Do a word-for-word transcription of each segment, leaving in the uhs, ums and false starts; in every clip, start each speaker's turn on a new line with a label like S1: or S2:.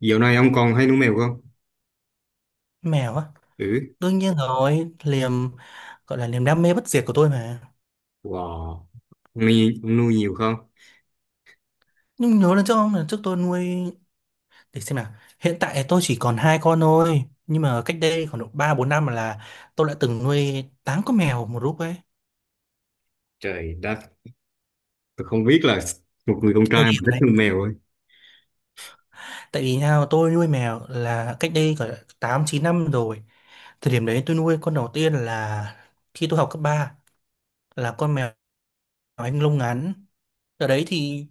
S1: Dạo này ông còn hay nuôi mèo không?
S2: Mèo á,
S1: Ừ.
S2: đương nhiên rồi, liềm gọi là niềm đam mê bất diệt của tôi mà.
S1: Wow, ông nuôi, ông nuôi nhiều không?
S2: Nhưng nhớ lần trước không là trước tôi nuôi để xem nào. Hiện tại tôi chỉ còn hai con thôi, nhưng mà cách đây khoảng độ ba bốn năm là tôi đã từng nuôi tám con mèo một lúc ấy.
S1: Trời đất. Tôi không biết là một người con
S2: Cái thời
S1: trai mà
S2: điểm
S1: thích
S2: đấy,
S1: nuôi mèo ấy.
S2: tại vì nào tôi nuôi mèo là cách đây khoảng tám chín năm rồi. Thời điểm đấy tôi nuôi con đầu tiên là khi tôi học cấp ba, là con mèo Anh lông ngắn. Ở đấy thì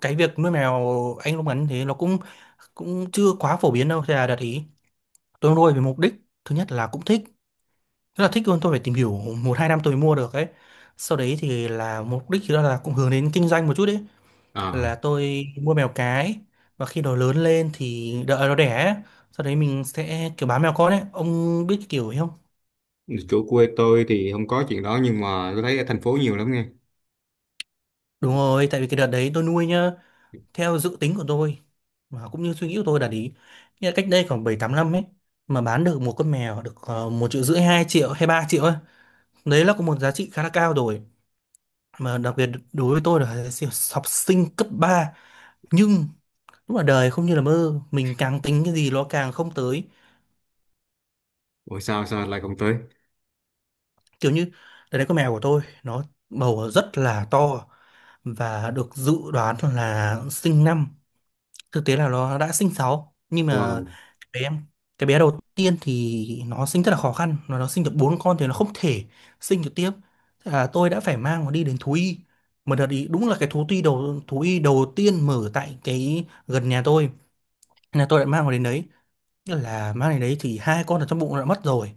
S2: cái việc nuôi mèo Anh lông ngắn thế nó cũng cũng chưa quá phổ biến đâu, thế là đạt ý tôi nuôi vì mục đích thứ nhất là cũng thích, rất là thích luôn. Tôi phải tìm hiểu một hai năm tôi mới mua được ấy. Sau đấy thì là mục đích đó là cũng hướng đến kinh doanh một chút ấy,
S1: À,
S2: là tôi mua mèo cái và khi nó lớn lên thì đợi nó đẻ ấy. Sau đấy mình sẽ kiểu bán mèo con ấy, ông biết cái kiểu ấy không?
S1: chỗ quê tôi thì không có chuyện đó, nhưng mà tôi thấy ở thành phố nhiều lắm nghe.
S2: Đúng rồi, tại vì cái đợt đấy tôi nuôi nhá, theo dự tính của tôi và cũng như suy nghĩ của tôi là ý nghĩa là cách đây khoảng bảy tám năm ấy mà bán được một con mèo được uh, một triệu rưỡi, hai triệu hay ba triệu ấy. Đấy là có một giá trị khá là cao rồi, mà đặc biệt đối với tôi là học sinh cấp ba. Nhưng lúc là đời không như là mơ, mình càng tính cái gì nó càng không tới.
S1: Ủa, sao sao lại không tới?
S2: Kiểu như đấy là con mèo của tôi nó bầu rất là to và được dự đoán là sinh năm, thực tế là nó đã sinh sáu. Nhưng mà
S1: Wow.
S2: bé em, cái bé đầu tiên thì nó sinh rất là khó khăn, nó nó sinh được bốn con thì nó không thể sinh được tiếp. Thế là tôi đã phải mang nó đi đến thú y một đợt ý. Đúng là cái thú y đầu thú y đầu tiên mở tại cái gần nhà tôi. Thế là tôi đã mang nó đến đấy. Thế là mang đến đấy thì hai con ở trong bụng nó đã mất rồi,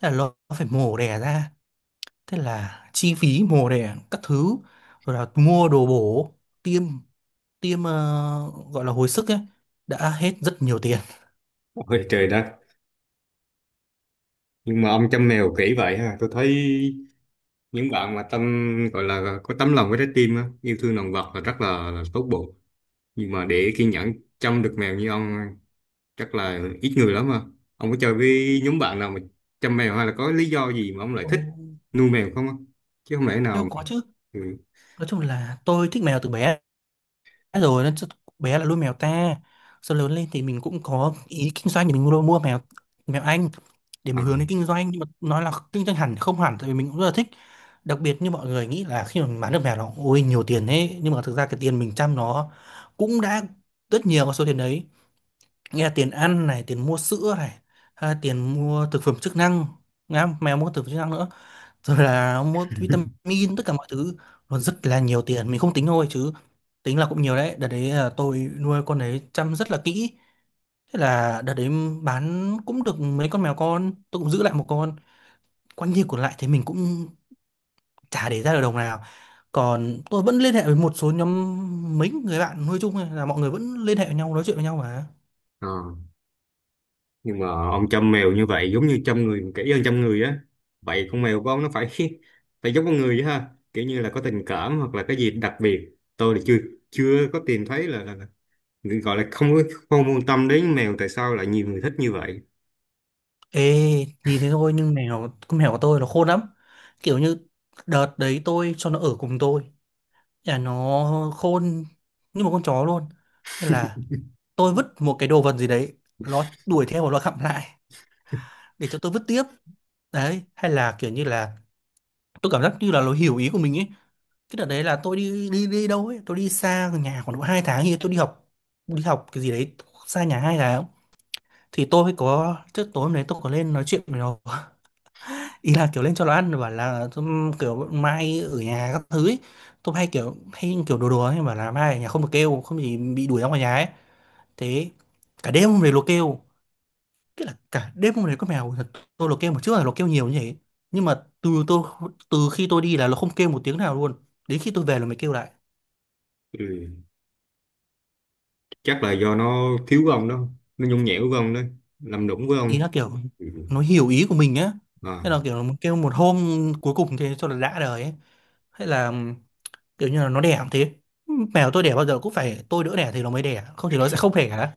S2: thế là nó phải mổ đẻ ra. Thế là chi phí mổ đẻ các thứ, rồi là mua đồ bổ, tiêm, tiêm ờ, gọi là hồi sức ấy, đã hết rất nhiều tiền.
S1: Ôi trời đất. Nhưng mà ông chăm mèo kỹ vậy ha. Tôi thấy những bạn mà tâm, gọi là có tấm lòng với trái tim á, yêu thương động vật là rất là, là tốt bụng. Nhưng mà để kiên nhẫn chăm được mèo như ông chắc là ít người lắm, mà ông có chơi với nhóm bạn nào mà chăm mèo, hay là có lý do gì mà ông lại
S2: Ồ.
S1: thích nuôi mèo không á, chứ không lẽ nào
S2: Nhưng
S1: mà...
S2: có chứ,
S1: Ừ.
S2: nói chung là tôi thích mèo từ bé rồi nên chắc- bé là nuôi mèo ta, sau lớn lên thì mình cũng có ý kinh doanh thì mình mua mua mèo, mèo Anh, để
S1: À.
S2: mình hướng đến kinh doanh. Nhưng mà nói là kinh doanh hẳn thì không hẳn, tại vì mình cũng rất là thích. Đặc biệt như mọi người nghĩ là khi mà mình bán được mèo nó ôi nhiều tiền, thế nhưng mà thực ra cái tiền mình chăm nó cũng đã rất nhiều vào số tiền đấy, nghĩa là tiền ăn này, tiền mua sữa này, hay là tiền mua thực phẩm chức năng. Nghe không? Mèo mua thực phẩm chức năng nữa, rồi là mua vitamin tất cả mọi thứ. Nó rất là nhiều tiền, mình không tính thôi chứ tính là cũng nhiều đấy. Đợt đấy là tôi nuôi con đấy chăm rất là kỹ. Thế là đợt đấy bán cũng được mấy con mèo con, tôi cũng giữ lại một con, quan nhiên còn lại thì mình cũng chả để ra được đồng nào. Còn tôi vẫn liên hệ với một số nhóm, mấy người bạn nuôi chung ấy, là mọi người vẫn liên hệ với nhau, nói chuyện với nhau mà.
S1: À. Nhưng mà ông chăm mèo như vậy giống như chăm người, kỹ hơn chăm người á. Vậy con mèo của ông nó phải phải giống con người vậy ha, kiểu như là có tình cảm hoặc là cái gì đặc biệt. Tôi thì chưa chưa có tìm thấy là, là, là gọi là không có, không quan tâm đến mèo, tại sao lại nhiều người thích như vậy?
S2: Ê, nhìn thế thôi nhưng mèo, con mèo của tôi nó khôn lắm. Kiểu như đợt đấy tôi cho nó ở cùng tôi. Nhà nó khôn như một con chó luôn. Nên là tôi vứt một cái đồ vật gì đấy, nó đuổi theo và nó gặm lại để cho tôi vứt tiếp. Đấy, hay là kiểu như là tôi cảm giác như là nó hiểu ý của mình ấy. Cái đợt đấy là tôi đi đi đi đâu ấy, tôi đi xa nhà khoảng độ hai tháng thì tôi đi học, đi học cái gì đấy xa nhà hai tháng. Thì tôi có trước tối hôm đấy, tôi có lên nói chuyện với nó, ý là kiểu lên cho nó ăn, bảo là "Ừm, kiểu mai ở nhà các thứ ấy". Tôi hay kiểu, hay kiểu đùa đùa ấy, bảo là mai ở nhà không được kêu, không thì bị đuổi ra ngoài nhà ấy. Thế cả đêm hôm đấy nó kêu, tức là cả đêm hôm đấy con mèo, thật, tôi nó kêu một, trước là nó kêu nhiều như thế, nhưng mà từ tôi, từ khi tôi đi là nó không kêu một tiếng nào luôn, đến khi tôi về là mới kêu lại.
S1: Ừ. Chắc là do nó thiếu của ông đó, nó nhung nhẽo với ông đó, làm đụng với
S2: Ý
S1: ông.
S2: là kiểu
S1: Ừ.
S2: nó hiểu ý của mình á.
S1: À.
S2: Thế là kiểu nó kêu một hôm cuối cùng thế cho là đã đời ấy. Hay là kiểu như là nó đẻ cũng thế, mèo tôi đẻ bao giờ cũng phải tôi đỡ đẻ thì nó mới đẻ, không thì nó sẽ không đẻ,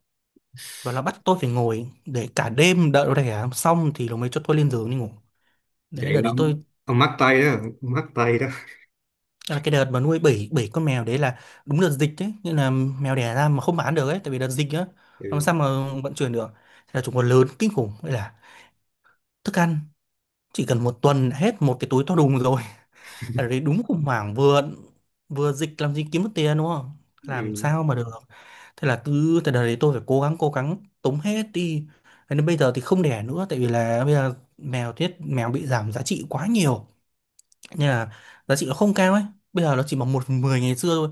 S2: và nó bắt tôi phải ngồi để cả đêm đợi nó đẻ xong thì nó mới cho tôi lên giường đi ngủ.
S1: Vậy
S2: Đấy, đợt đấy
S1: lắm ông.
S2: tôi
S1: Ông mắc tay đó ông mắc tay đó
S2: là cái đợt mà nuôi bảy bảy con mèo đấy, là đúng đợt dịch đấy nên là mèo đẻ ra mà không bán được ấy, tại vì đợt dịch á, làm
S1: Ừ.
S2: sao mà vận chuyển được. Thế là chúng còn lớn kinh khủng, vậy là thức ăn chỉ cần một tuần đã hết một cái túi to đùng rồi. Ở đấy đúng khủng hoảng, vừa vừa dịch làm gì kiếm được tiền, đúng không, làm
S1: Ừ.
S2: sao mà được. Thế là cứ từ đời đấy tôi phải cố gắng, cố gắng tống hết đi. Thế nên bây giờ thì không đẻ nữa, tại vì là bây giờ mèo, tiết mèo bị giảm giá trị quá nhiều nên là giá trị nó không cao ấy. Bây giờ nó chỉ bằng một phần mười ngày xưa thôi.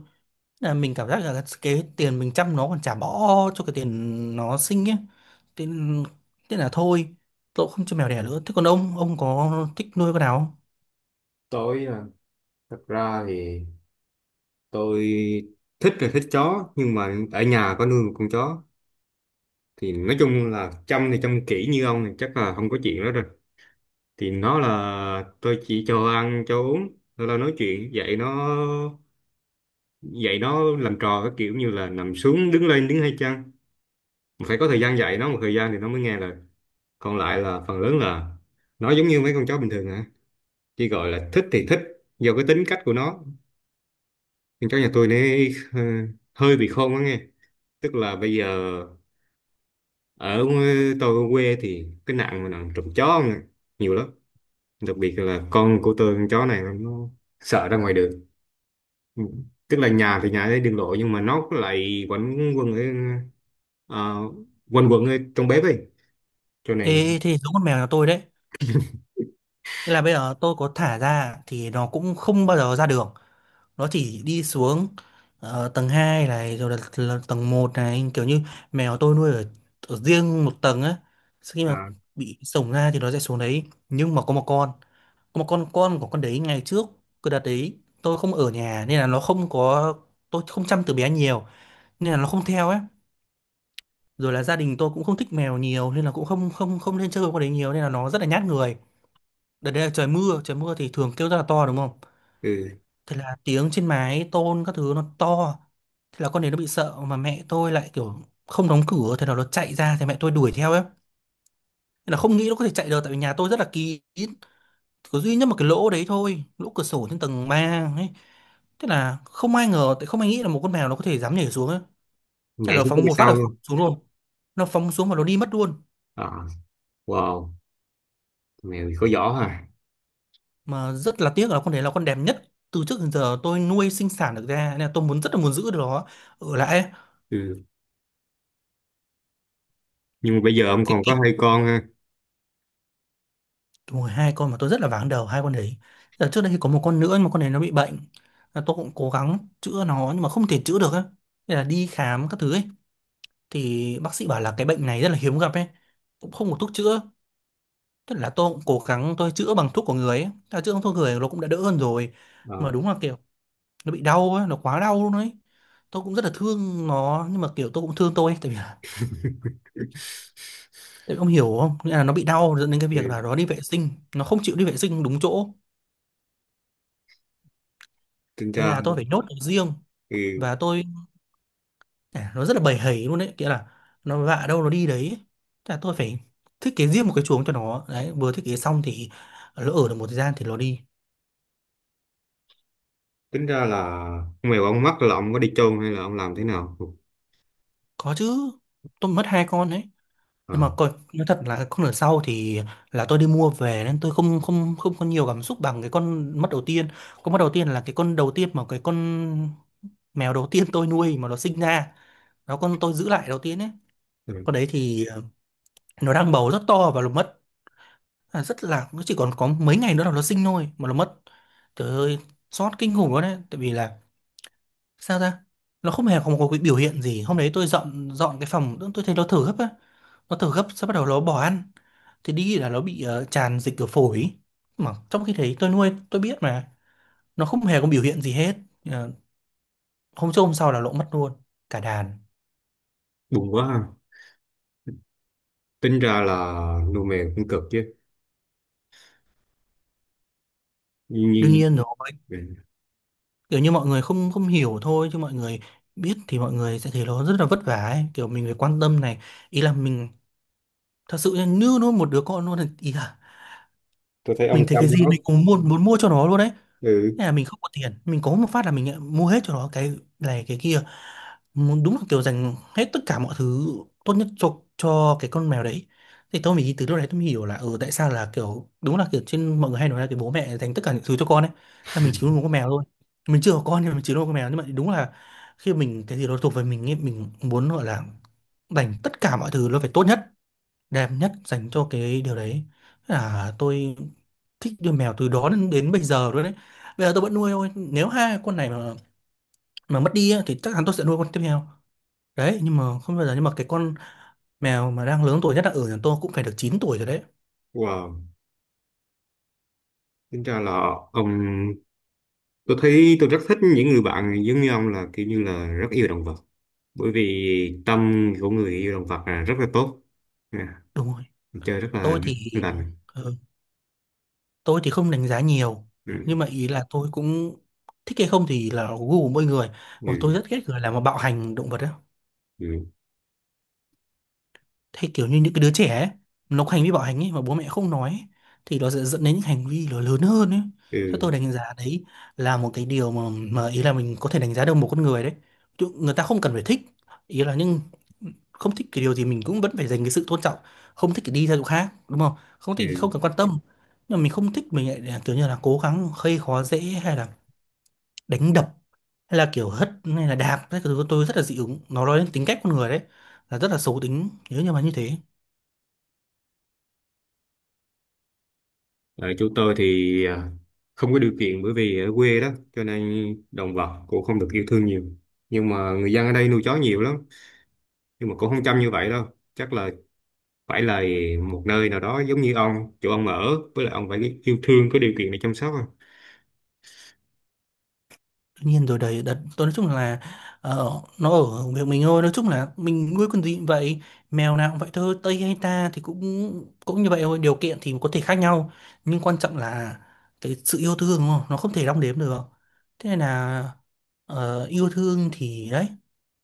S2: Thế là mình cảm giác là cái tiền mình chăm nó còn chả bỏ cho cái tiền nó sinh ấy. Thế, thế là thôi, tôi cũng không cho mèo đẻ nữa. Thế còn ông ông có thích nuôi con nào không?
S1: Tôi à, thật ra thì tôi thích, là thích chó, nhưng mà ở nhà có nuôi một con chó thì nói chung là chăm, thì chăm kỹ như ông thì chắc là không có chuyện đó rồi. Thì nó là tôi chỉ cho ăn cho uống rồi là nói chuyện dạy nó, dạy nó làm trò, cái kiểu như là nằm xuống, đứng lên, đứng hay chăng. Mà phải có thời gian dạy nó một thời gian thì nó mới nghe lời, còn lại là phần lớn là nó giống như mấy con chó bình thường hả, chỉ gọi là thích thì thích, do cái tính cách của nó. Nhưng cháu nhà tôi này ờ, hơi bị khôn quá nghe. Tức là bây giờ ở, tôi ở quê thì cái nạn mà nạn trộm chó nè, nhiều lắm. Đặc biệt là con của tôi, con chó này nó sợ ra ngoài đường. Ừ. Tức là nhà thì nhà ở đường lộ, nhưng mà nó lại quanh quẩn ở, ờ, quanh quẩn ở trong bếp ấy, cho này.
S2: Ê, thế giống con mèo nhà tôi đấy. Nên là bây giờ tôi có thả ra thì nó cũng không bao giờ ra đường. Nó chỉ đi xuống, ờ, tầng hai này, rồi là, là tầng một này, kiểu như mèo tôi nuôi ở, ở riêng một tầng á. Sau khi mà
S1: À.
S2: bị sổng ra thì nó sẽ xuống đấy. Nhưng mà có một con, có một con con của con đấy ngày trước cứ đặt đấy, tôi không ở nhà nên là nó không có, tôi không chăm từ bé nhiều nên là nó không theo ấy. Rồi là gia đình tôi cũng không thích mèo nhiều nên là cũng không không không nên chơi với con đấy nhiều nên là nó rất là nhát người. Đợt đấy là trời mưa, trời mưa thì thường kêu rất là to đúng không?
S1: Ừ.
S2: Thế là tiếng trên mái tôn các thứ nó to. Thế là con đấy nó bị sợ, mà mẹ tôi lại kiểu không đóng cửa, thế là nó chạy ra thì mẹ tôi đuổi theo ấy. Thế là không nghĩ nó có thể chạy được tại vì nhà tôi rất là kín. Có duy nhất một cái lỗ đấy thôi, lỗ cửa sổ trên tầng ba, ấy. Thế là không ai ngờ, tại không ai nghĩ là một con mèo nó có thể dám nhảy xuống ấy. Thế là
S1: Nhảy
S2: nó
S1: xuống cái
S2: phóng
S1: bên
S2: một phát là
S1: sau
S2: phóng
S1: luôn.
S2: xuống luôn. Nó phóng xuống và nó đi mất luôn.
S1: À, wow, mèo thì có giỏ hả.
S2: Mà rất là tiếc là con đấy là con đẹp nhất từ trước đến giờ tôi nuôi sinh sản được ra, nên là tôi muốn, rất là muốn giữ được nó ở lại ấy.
S1: Ừ. Nhưng mà bây giờ ông
S2: Cái,
S1: còn có hai
S2: cái
S1: con ha.
S2: đúng rồi, hai con mà tôi rất là váng đầu hai con đấy. Giờ trước đây thì có một con nữa nhưng mà con đấy nó bị bệnh, là tôi cũng cố gắng chữa nó nhưng mà không thể chữa được á, nên là đi khám các thứ ấy thì bác sĩ bảo là cái bệnh này rất là hiếm gặp ấy, cũng không có thuốc chữa. Tức là tôi cũng cố gắng tôi chữa bằng thuốc của người ấy, à, chữa bằng thuốc người nó cũng đã đỡ hơn rồi, mà
S1: À.
S2: đúng là kiểu nó bị đau ấy, nó quá đau luôn ấy. Tôi cũng rất là thương nó nhưng mà kiểu tôi cũng thương tôi ấy, tại vì là, tại vì ông hiểu không, nghĩa là nó bị đau dẫn đến cái việc
S1: Ừ.
S2: là nó đi vệ sinh, nó không chịu đi vệ sinh đúng chỗ.
S1: Tính
S2: Thế
S1: ra.
S2: là tôi phải nhốt nó riêng
S1: Ừ.
S2: và tôi à, nó rất là bầy hầy luôn đấy, nghĩa là nó vạ đâu nó đi đấy. Thế là tôi phải thiết kế riêng một cái chuồng cho nó đấy, vừa thiết kế xong thì lỡ ở được một thời gian thì nó đi.
S1: Tính ra là con mèo ông mắc là ông có đi chôn hay là ông làm thế nào?
S2: Có chứ, tôi mất hai con đấy, nhưng
S1: À.
S2: mà coi nói thật là con ở sau thì là tôi đi mua về nên tôi không không không có nhiều cảm xúc bằng cái con mất đầu tiên. Con mất đầu tiên là cái con đầu tiên, mà cái con mèo đầu tiên tôi nuôi mà nó sinh ra đó, con tôi giữ lại đầu tiên ấy.
S1: Ừ.
S2: Con đấy thì ờ, nó đang bầu rất to và nó mất. À, rất là, nó chỉ còn có mấy ngày nữa là nó sinh thôi mà nó mất. Trời ơi, xót kinh khủng luôn đấy, tại vì là sao ra nó không hề có một cái biểu hiện gì. Hôm đấy tôi dọn dọn cái phòng, tôi thấy nó thở gấp á, nó thở gấp sau bắt đầu nó bỏ ăn, thì đi là nó bị ờ, tràn dịch ở phổi ý. Mà trong khi đấy tôi nuôi tôi biết mà, nó không hề có biểu hiện gì hết. Ờ, Hôm trước hôm sau là lỗ mất luôn cả đàn.
S1: Buồn quá ha. Tính ra là nuôi mèo cũng cực chứ, nhưng
S2: Đương
S1: nhưng.
S2: nhiên rồi,
S1: Ừ.
S2: kiểu như mọi người không không hiểu thôi, chứ mọi người biết thì mọi người sẽ thấy nó rất là vất vả ấy. Kiểu mình phải quan tâm này, ý là mình thật sự như nuôi một đứa con luôn ấy. Ý là
S1: Tôi thấy ông
S2: mình thấy
S1: chăm
S2: cái gì
S1: nó.
S2: mình cũng muốn muốn mua cho nó luôn đấy.
S1: Ừ.
S2: Thế là mình không có tiền, mình có một phát là mình lại mua hết cho nó cái này cái kia, muốn đúng là kiểu dành hết tất cả mọi thứ tốt nhất cho cho cái con mèo đấy. Thì tôi mình từ lúc đấy tôi mới hiểu là ừ, tại sao là kiểu đúng là kiểu trên mọi người hay nói là cái bố mẹ dành tất cả những thứ cho con ấy. Là mình chỉ nuôi một con mèo thôi, mình chưa có con, nhưng mình chỉ nuôi một con mèo nhưng mà đúng là khi mình cái gì đó thuộc về mình ấy, mình muốn gọi là dành tất cả mọi thứ, nó phải tốt nhất, đẹp nhất dành cho cái điều đấy. Thế là tôi thích nuôi mèo từ đó đến, đến bây giờ luôn đấy. Bây giờ tôi vẫn nuôi thôi, nếu hai con này mà mà mất đi á thì chắc chắn tôi sẽ nuôi con tiếp theo đấy. Nhưng mà không bao giờ, nhưng mà cái con mèo mà đang lớn tuổi nhất là ở nhà tôi cũng phải được chín tuổi rồi đấy.
S1: Wow. Tính ra là ông, tôi thấy tôi rất thích những người bạn giống như ông, là kiểu như là rất yêu động vật, bởi vì tâm của người yêu động vật là rất là tốt. À.
S2: Đúng rồi.
S1: Chơi rất
S2: Tôi
S1: là
S2: thì,
S1: lành.
S2: ừ, tôi thì không đánh giá nhiều, nhưng
S1: Ừ.
S2: mà ý là tôi cũng thích hay không thì là gu của mỗi người. Mà tôi
S1: Ừ.
S2: rất ghét người làm mà bạo hành động vật ấy.
S1: Ừ.
S2: Thế kiểu như những cái đứa trẻ ấy, nó có hành vi bạo hành ấy mà bố mẹ không nói ấy, thì nó sẽ dẫn đến những hành vi nó lớn hơn ấy. Thế
S1: Ừ.
S2: tôi đánh giá đấy là một cái điều mà mà ý là mình có thể đánh giá được một con người đấy. Chứ người ta không cần phải thích, ý là nhưng không thích cái điều gì mình cũng vẫn phải dành cái sự tôn trọng, không thích thì đi theo chỗ khác, đúng không? Không thích thì không
S1: Ừ.
S2: cần quan tâm. Nhưng mà mình không thích mình lại à, kiểu như là cố gắng gây khó dễ, hay là đánh đập, hay là kiểu hất, hay là đạp, cái thứ tôi rất là dị ứng, nó nói đến tính cách con người đấy là rất là xấu tính nếu như mà như thế.
S1: Ở chỗ tôi thì à, không có điều kiện bởi vì ở quê đó, cho nên động vật cũng không được yêu thương nhiều. Nhưng mà người dân ở đây nuôi chó nhiều lắm, nhưng mà cũng không chăm như vậy đâu. Chắc là phải là một nơi nào đó giống như ông, chỗ ông ở, với lại ông phải yêu thương, có điều kiện để chăm sóc à.
S2: Tuy nhiên rồi đấy, đợt tôi nói chung là, ờ, nó ở việc mình thôi. Nói chung là mình nuôi con gì cũng vậy, mèo nào cũng vậy thôi, Tây hay ta thì cũng cũng như vậy thôi, điều kiện thì có thể khác nhau nhưng quan trọng là cái sự yêu thương, đúng không? Nó không thể đong đếm được. Thế nên là ờ, yêu thương thì đấy,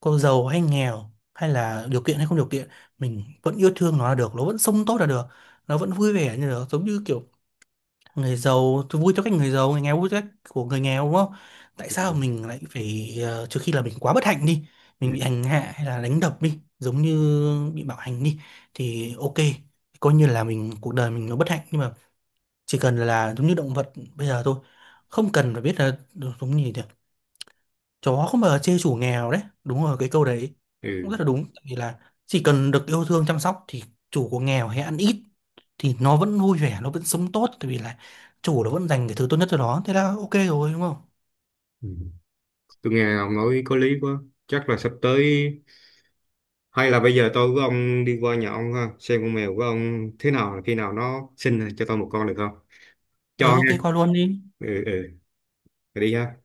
S2: có giàu hay nghèo hay là điều kiện hay không điều kiện, mình vẫn yêu thương nó là được, nó vẫn sống tốt là được, nó vẫn vui vẻ như được, giống như kiểu người giàu tôi vui cho cách người giàu, người nghèo vui cho cách của người nghèo, đúng không? Tại sao
S1: Ừ.
S2: mình lại phải ờ, trừ khi là mình quá bất hạnh đi,
S1: Ừ.
S2: mình bị hành hạ hay là đánh đập đi, giống như bị bạo hành đi, thì ok, coi như là mình cuộc đời mình nó bất hạnh. Nhưng mà chỉ cần là giống như động vật bây giờ thôi, không cần phải biết là, giống như chó không bao giờ chê chủ nghèo đấy, đúng rồi, cái câu đấy cũng
S1: Ừ.
S2: rất là đúng. Tại vì là chỉ cần được yêu thương chăm sóc thì chủ có nghèo hay ăn ít thì nó vẫn vui vẻ, nó vẫn sống tốt, tại vì là chủ nó vẫn dành cái thứ tốt nhất cho nó, thế là ok rồi, đúng không?
S1: Ừ. Tôi nghe ông nói có lý quá. Chắc là sắp tới, hay là bây giờ tôi với ông đi qua nhà ông ha, xem con mèo của ông thế nào, khi nào nó sinh cho tôi một con được không?
S2: Ừ,
S1: Cho
S2: ok,
S1: nghe.
S2: qua luôn đi.
S1: Ừ, ừ. Rồi đi ha.